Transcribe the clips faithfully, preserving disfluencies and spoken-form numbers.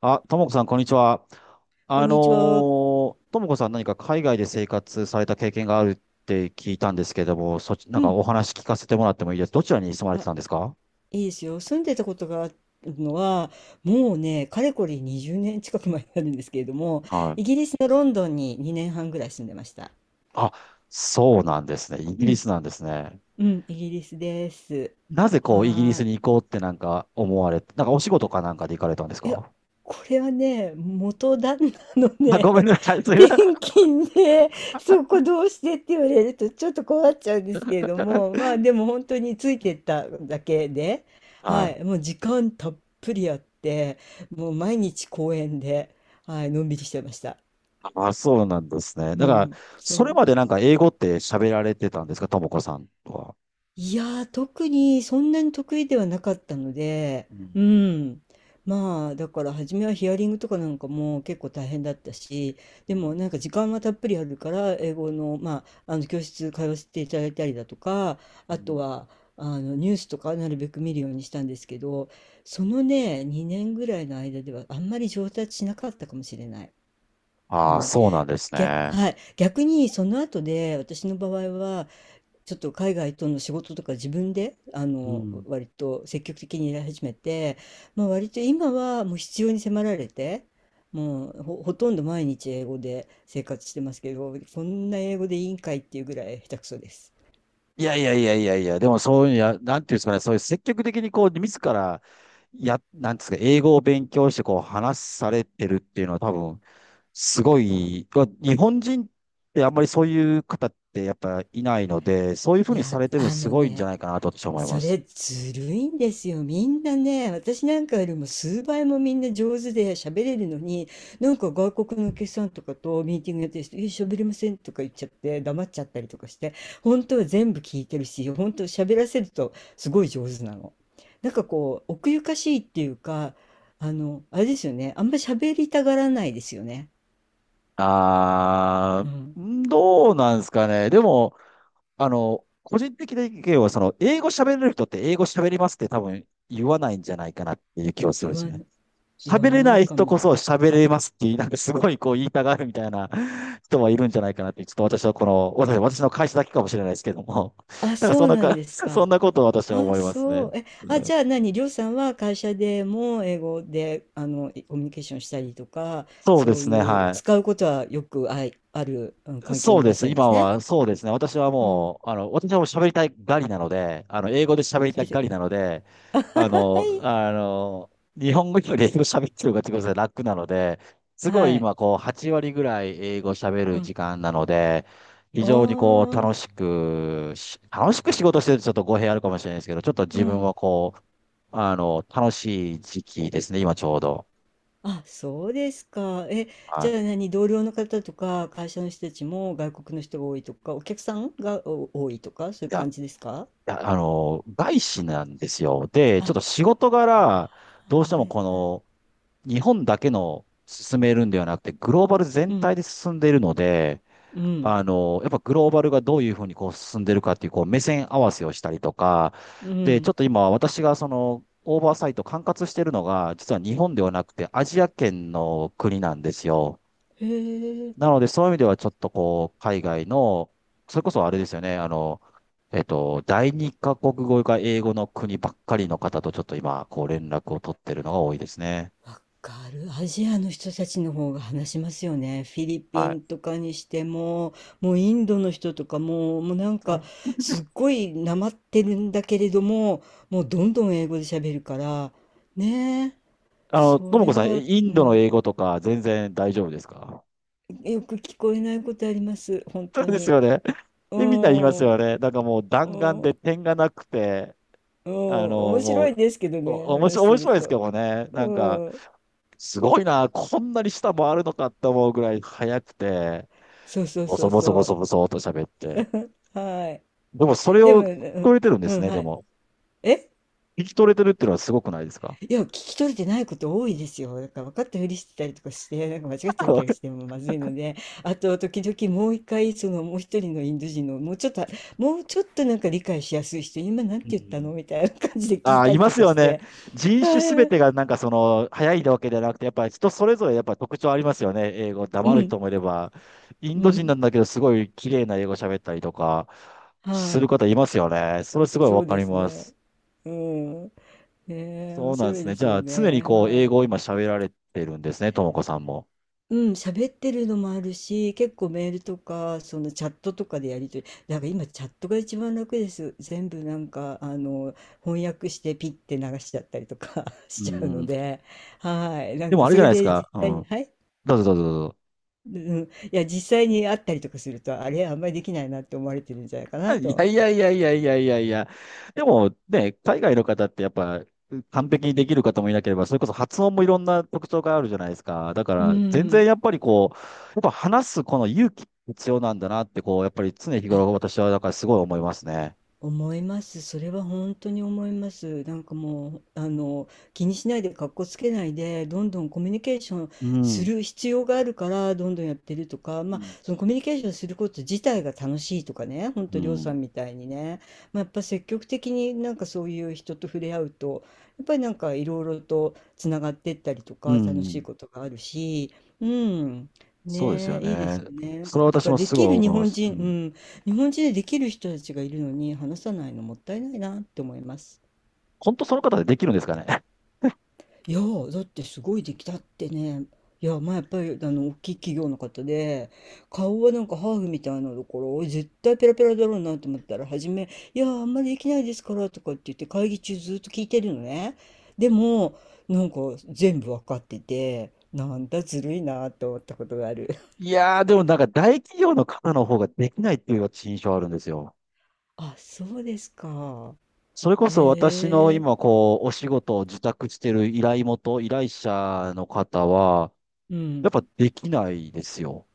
あ、ともこさん、こんにちは。こあんのにちは。ーともこさん何か海外で生活された経験があるって聞いたんですけども、そっち、なうんかん。お話聞かせてもらってもいいです。どちらに住まれてあ、たんですか？いいですよ。住んでたことがあるのは、もうね、かれこれにじゅうねん近く前になるんですけれども、はイギい。リスのロンドンににねんはんぐらい住んでました。あ、そうなんですね。イうギリん。スなんですね。うん、イギリスです。なぜこう、イギリはスーい。に行こうってなんか思われて、なんかお仕事かなんかで行かれたんですいや、か？これはね、元旦那のあ、ね、ごめんなさい。すいません。転勤で、そこどうしてって言われるとちょっと困っちゃうんですけれども、まあでも本当についてっただけで、ははい。い、もう時間たっぷりあって、もう毎日公園で、はい、のんびりしてました。あ、そうなんですね。うだから、ん、そそれう。までなんか英語って喋られてたんですかともこさんとは。いやー、特にそんなに得意ではなかったので、ううん。ん。まあ、だから初めはヒアリングとかなんかも結構大変だったし、うでもん。なんか時間はたっぷりあるから、英語の、まあ、あの教室通わせていただいたりだとか、うあとん。は、あのニュースとかなるべく見るようにしたんですけど、そのね、にねんぐらいの間ではあんまり上達しなかったかもしれない。うああ、ん。そうなんです逆、ね。はい。逆にその後で私の場合は、ちょっと海外との仕事とか自分であうのん。割と積極的にやり始めて、まあ、割と今はもう必要に迫られてもうほ、ほとんど毎日英語で生活してますけど、こんな英語でいいんかいっていうぐらい下手くそです。いやいやいやいやいや、でもそういうや、なんていうんですかね、そういう積極的にこう、自ら、や、なんですか、英語を勉強してこう、話されてるっていうのは多分、すごい、まあ日本人ってあんまりそういう方ってやっぱいないので、そういうふういにさや、れてるのあすのごいんじゃね、ないかなと私は思いそまれす。ずるいんですよ。みんなね、私なんかよりも数倍もみんな上手で喋れるのに、なんか外国のお客さんとかとミーティングやってる人、え、喋れませんとか言っちゃって黙っちゃったりとかして、本当は全部聞いてるし、本当喋らせるとすごい上手なの。なんかこう、奥ゆかしいっていうか、あの、あれですよね。あんまり喋りたがらないですよね。あうん。ー、どうなんですかね。でも、あの、個人的な意見は、その、英語喋れる人って英語喋りますって多分言わないんじゃないかなっていう気はするん言ですわよね。言喋われなないいか人こも。そ喋れますって言い、なんかすごいこう言いたがるみたいな 人はいるんじゃないかなって、ちょっと私はこの、私私の会社だけかもしれないですけども、あ、なんかそそうんななんか、で すそか。んなことを私はあ、思いますそね。う。え、うあ、じん。ゃあ何、りょうさんは会社でも英語で、あの、いコミュニケーションしたりとか、そうでそうすね、いうは使い。うことはよくあい、ある、うん、環境そにういらっでしす。ゃるんで今すね。は、そうですね。私はうん。もう、あの、私はもう喋りたいガリなので、あの、英語で喋りすたべいて。ガリなので、あ、あの、あの、日本語より英語喋ってる方が自分で楽なので、すごいはい。今、こう、はち割ぐらい英語喋うるん。時間なので、非常にこう、おー、楽しくし、楽しく仕事してるとちょっと語弊あるかもしれないですけど、ちょっとう自分ん。はこう、あの、楽しい時期ですね、今ちょうど。あ、そうですか。え、はじい。ゃあ何、同僚の方とか、会社の人たちも外国の人が多いとか、お客さんがお多いとか、そういいうや感じですか。や、あの、外資なんですよ。で、あ、ちょっと仕事柄、どうしてはもいこはい。の、日本だけの進めるんではなくて、グローバルう全ん、体で進んでいるので、うん、あの、やっぱグローバルがどういうふうにこう進んでるかっていう、こう、目線合わせをしたりとか、うで、ちょん。っと今、私がその、オーバーサイト管轄してるのが、実は日本ではなくて、アジア圏の国なんですよ。へえ。なので、そういう意味ではちょっとこう、海外の、それこそあれですよね、あの、えっと、第二カ国語が英語の国ばっかりの方とちょっと今、こう連絡を取ってるのが多いですね。わかる。アジアの人たちの方が話しますよね。フィリピはい。ンとかにしても、もうインドの人とかも、もうなんか、すっごいなまってるんだけれども、もうどんどん英語で喋るから、ねえ、あの、そともこれさん、えは、イうンドのん、英語とか全然大丈夫ですか？よく聞こえないことあります。本そう当ですに。よね。うえ、みんな言いまん、すうよん、ね。なんかもう弾丸うで点がなくて、ん、あの、面も白いう、ですけどお、ね、面白話しい面てる白いですけと。どもね。なうんか、ん、すごいな、こんなに下回るのかって思うぐらい速くて。そうそうボそソうボソボそソボソと喋って。う。はい。でもそれでも、をう聞ん、こえてるんでうすん、ね、はでい。も。え、聞き取れてるっていうのはすごくないですか？ いや、聞き取れてないこと多いですよ。だから分かったふりしてたりとかして、なんか間違っちゃったりして もまずいので、あと、時々もう一回、そのもう一人のインド人の、もうちょっと、もうちょっとなんか理解しやすい人、今なんてう言ったん。のみたいな感じで聞あいあ、たいりまとすかよしね。て。人種すはべい。てがなんかその、早いわけじゃなくて、やっぱり人それぞれやっぱ特徴ありますよね。英語、う黙るん、人もいれば、インうド人ん。なんだけど、すごい綺麗な英語喋ったりとか、すはる方いますよね。それすい。ごいそわうかでりすまね。す。うん。ねえ、面そうなん白でいすね。でじすよゃあ、常にね。こう、英は語い。を今喋られてるんですね、ともこさんも。うん、喋ってるのもあるし、結構メールとか、そのチャットとかでやり取り、だから今チャットが一番楽です。全部なんか、あの、翻訳してピッて流しちゃったりとか しうちゃうのん。で、はい。なでんもかあれそじゃれないですで実か。う際に、ん。はい。どうぞどうぞどうぞ。うん、いや、実際に会ったりとかすると、あれ、あんまりできないなって思われてるんじゃないかなとい思やっいやて。いやいやいやいやいや。でもね、海外の方ってやっぱ完璧にできる方もいなければ、それこそ発音もいろんな特徴があるじゃないですか。だかうら全然ん。やっぱりこう、やっぱ話すこの勇気必要なんだなってこう、やっぱり常日あ、頃私はだからすごい思いますね。思います。それは本当に思います。なんかもう、あの、気にしないで、格好つけないで、どんどんコミュニケーションうすん。る必要があるから、どんどんやってるとか、うまあ、ん。そのコミュニケーションすること自体が楽しいとかね、本う当りょうさん。んみたいにね、まあ、やっぱ積極的になんかそういう人と触れ合うと、やっぱりなんかいろいろとつながってったりとうか、楽しいん。ことがあるし、うん。そうですねよえ、いいですね。よね。なんそれか、はだ私からもですごきいる日思いま本す。う人、うん。ん、日本人でできる人たちがいるのに話さないのもったいないなって思います。本当その方でできるんですかね。いやーだってすごいできたってね。いや、まあやっぱりあの大きい企業の方で顔はなんかハーフみたいなところ絶対ペラペラだろうなと思ったら、初め「いやーあんまりできないですから」とかって言って会議中ずっと聞いてるのね。でもなんか全部わかっててなんだずるいなと思ったことがある。いやー、でもなんか大企業の方の方ができないっていう私印象あるんですよ。あ、そうですか。それこそ私のへえ。今こう、お仕事を受託してる依頼元、依頼者の方は、うやっん。ぱできないですよ。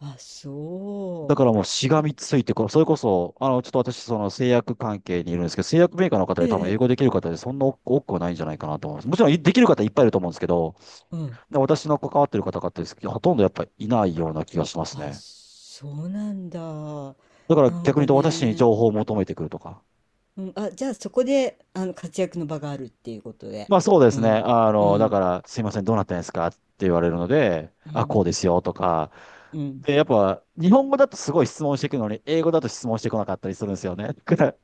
あ、そだからもうしう。がみついて、こうそれこそ、あの、ちょっと私、その製薬関係にいるんですけど、製薬メーカーの方えでえ、多分英ええ、語できる方でそんな多く多くはないんじゃないかなと思います。もちろんいできる方いっぱいいると思うんですけど、うん。で私の関わってる方々ですけど、ほとんどやっぱいないような気がしますあ、ね。そうなんだ。だからなん逆に言うかと私にね、情報を求めてくるとか。うん、あ、じゃあそこで、あの、活躍の場があるっていうことで。まあそうでうすね。ん、あうの、だかん、ら、すいません、どうなったんですかって言われるので、うあ、こん、うですよとか。うん。で、やっぱ、日本語だとすごい質問していくのに、英語だと質問してこなかったりするんですよね。だから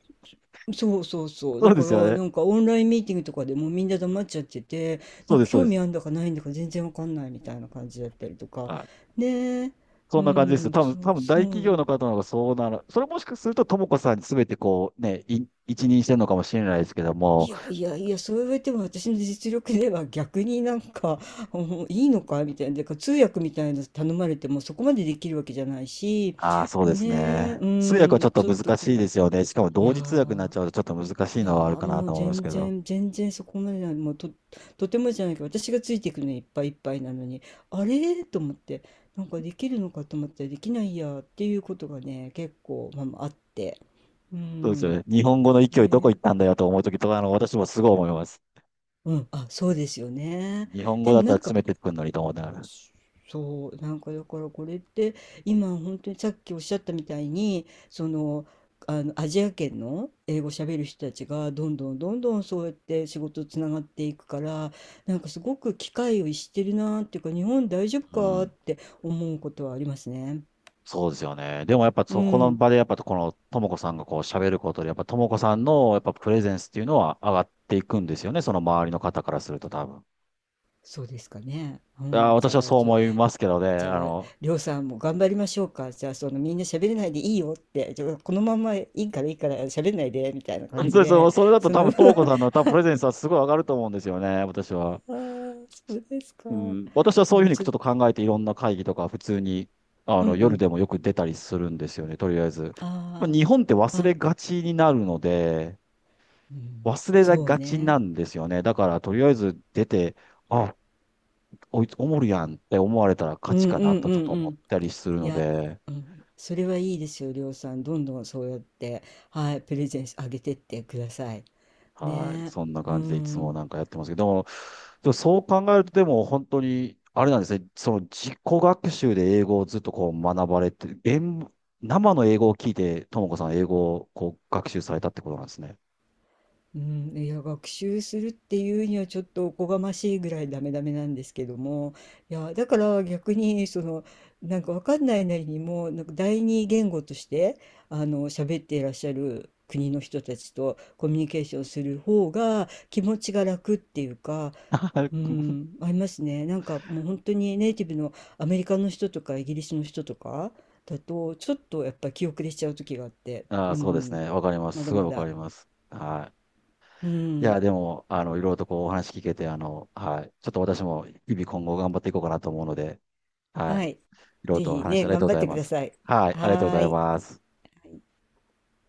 そうそうそう。そだうでかすよら、ね。なんかオンラインミーティングとかでもうみんな黙っちゃってて、なそうんでかす、そう興で味す。あんだかないんだか全然わかんないみたいな感じだったりとか。はい。ねえ、うそんな感じですよ。ん、多分、そう、多分そ大企う。業の方の方がそうなる。それもしかすると、ともこさんに全てこう、ね、い一任してるのかもしれないですけどいも、やいやいや、そう言われても私の実力では逆になんか、うん、いいのかみたいな、でか通訳みたいなの頼まれてもそこまでできるわけじゃないし、ああ、そうだですね、ね。う通訳はちん、ょっとちょっと難しい困でる。すよね。しかもい同や時通訳になっー、ちゃうとちょっと難しいいやのはあるーかなもうと思います全けど。然、全然そこまでない、もうと、とてもじゃないけど、私がついていくのにいっぱいいっぱいなのに、あれーと思って、なんかできるのかと思ったらできないやーっていうことがね、結構、まあ、まああって、うそうですよん、ね。日本語の勢いどこ行ね、ったんだよと思うときとか、あの、私もすごい思います。うん、あ、そうですよね。日本語でだもったならん詰か、めてくるのにと思いながら。そう、なんかだからこれって今本当にさっきおっしゃったみたいに、その、あのアジア圏の英語喋る人たちがどんどんどんどんそうやって仕事つながっていくから、なんかすごく機会を逸してるなーっていうか、日本大丈夫うかーっん。て思うことはありますね。そうですよね。でもやっぱうそこのん、場でやっぱこのともこさんがこう喋ることで、やっぱともこさんのやっぱプレゼンスっていうのは上がっていくんですよね。その周りの方からすると多分。そうですかね。うあー、ん、じ私ゃはあ、そう思いますけどね。じゃああ、の、りょうさんも頑張りましょうか。じゃあ、そのみんな喋れないでいいよって、じゃあこのままいいからいいから喋んないでみたいな 感本じ当にその、で、それだとそ多の 分ともこさんの多分プレゼンスはすごい上がると思うんですよね。私は。あー、そうですか。うん、私はそうういうん、ふうにちょ、ちょっと考えていろんな会議とか普通にあうんのう夜ん。でもよく出たりするんですよね、とりあえず。まああ日本ってあ、忘あ、れがちになるので、うん、忘れそうがちなね。んですよね。だからとりあえず出て、あ、こいつおもるやんって思われたらう勝ちんかうなんとうちょっとんう思っん。たりするいのや、で、うん、それはいいですよ、りょうさん。どんどんそうやって、はい、プレゼンスあげてってください。はい。ね。そんなう感じでいつもん。なんかやってますけど、でもでもそう考えると、でも本当に、あれなんですね。その自己学習で英語をずっとこう学ばれて、演生の英語を聞いて、ともこさん英語をこう学習されたってことなんですね。うん、いや学習するっていうにはちょっとおこがましいぐらいダメダメなんですけども、いやだから逆にその、なんかわかんないなりにもなんか第二言語としてあの喋っていらっしゃる国の人たちとコミュニケーションする方が気持ちが楽っていうか、う ん、ありますね、なんかもう本当にネイティブのアメリカの人とかイギリスの人とかだとちょっとやっぱ気後れしちゃう時があって、あうあ、そうですん、ね。わかりまます。だすごいまわかだ。ります。はうい。いん、や、でも、あの、いろいろとこうお話聞けて、あの、はい。ちょっと私も日々今後頑張っていこうかなと思うので、はい。はい。いろいろぜとおひ話あね、りがと頑うご張っざいてくまだす。さい。はい。ありがとうごはざーいい。ます。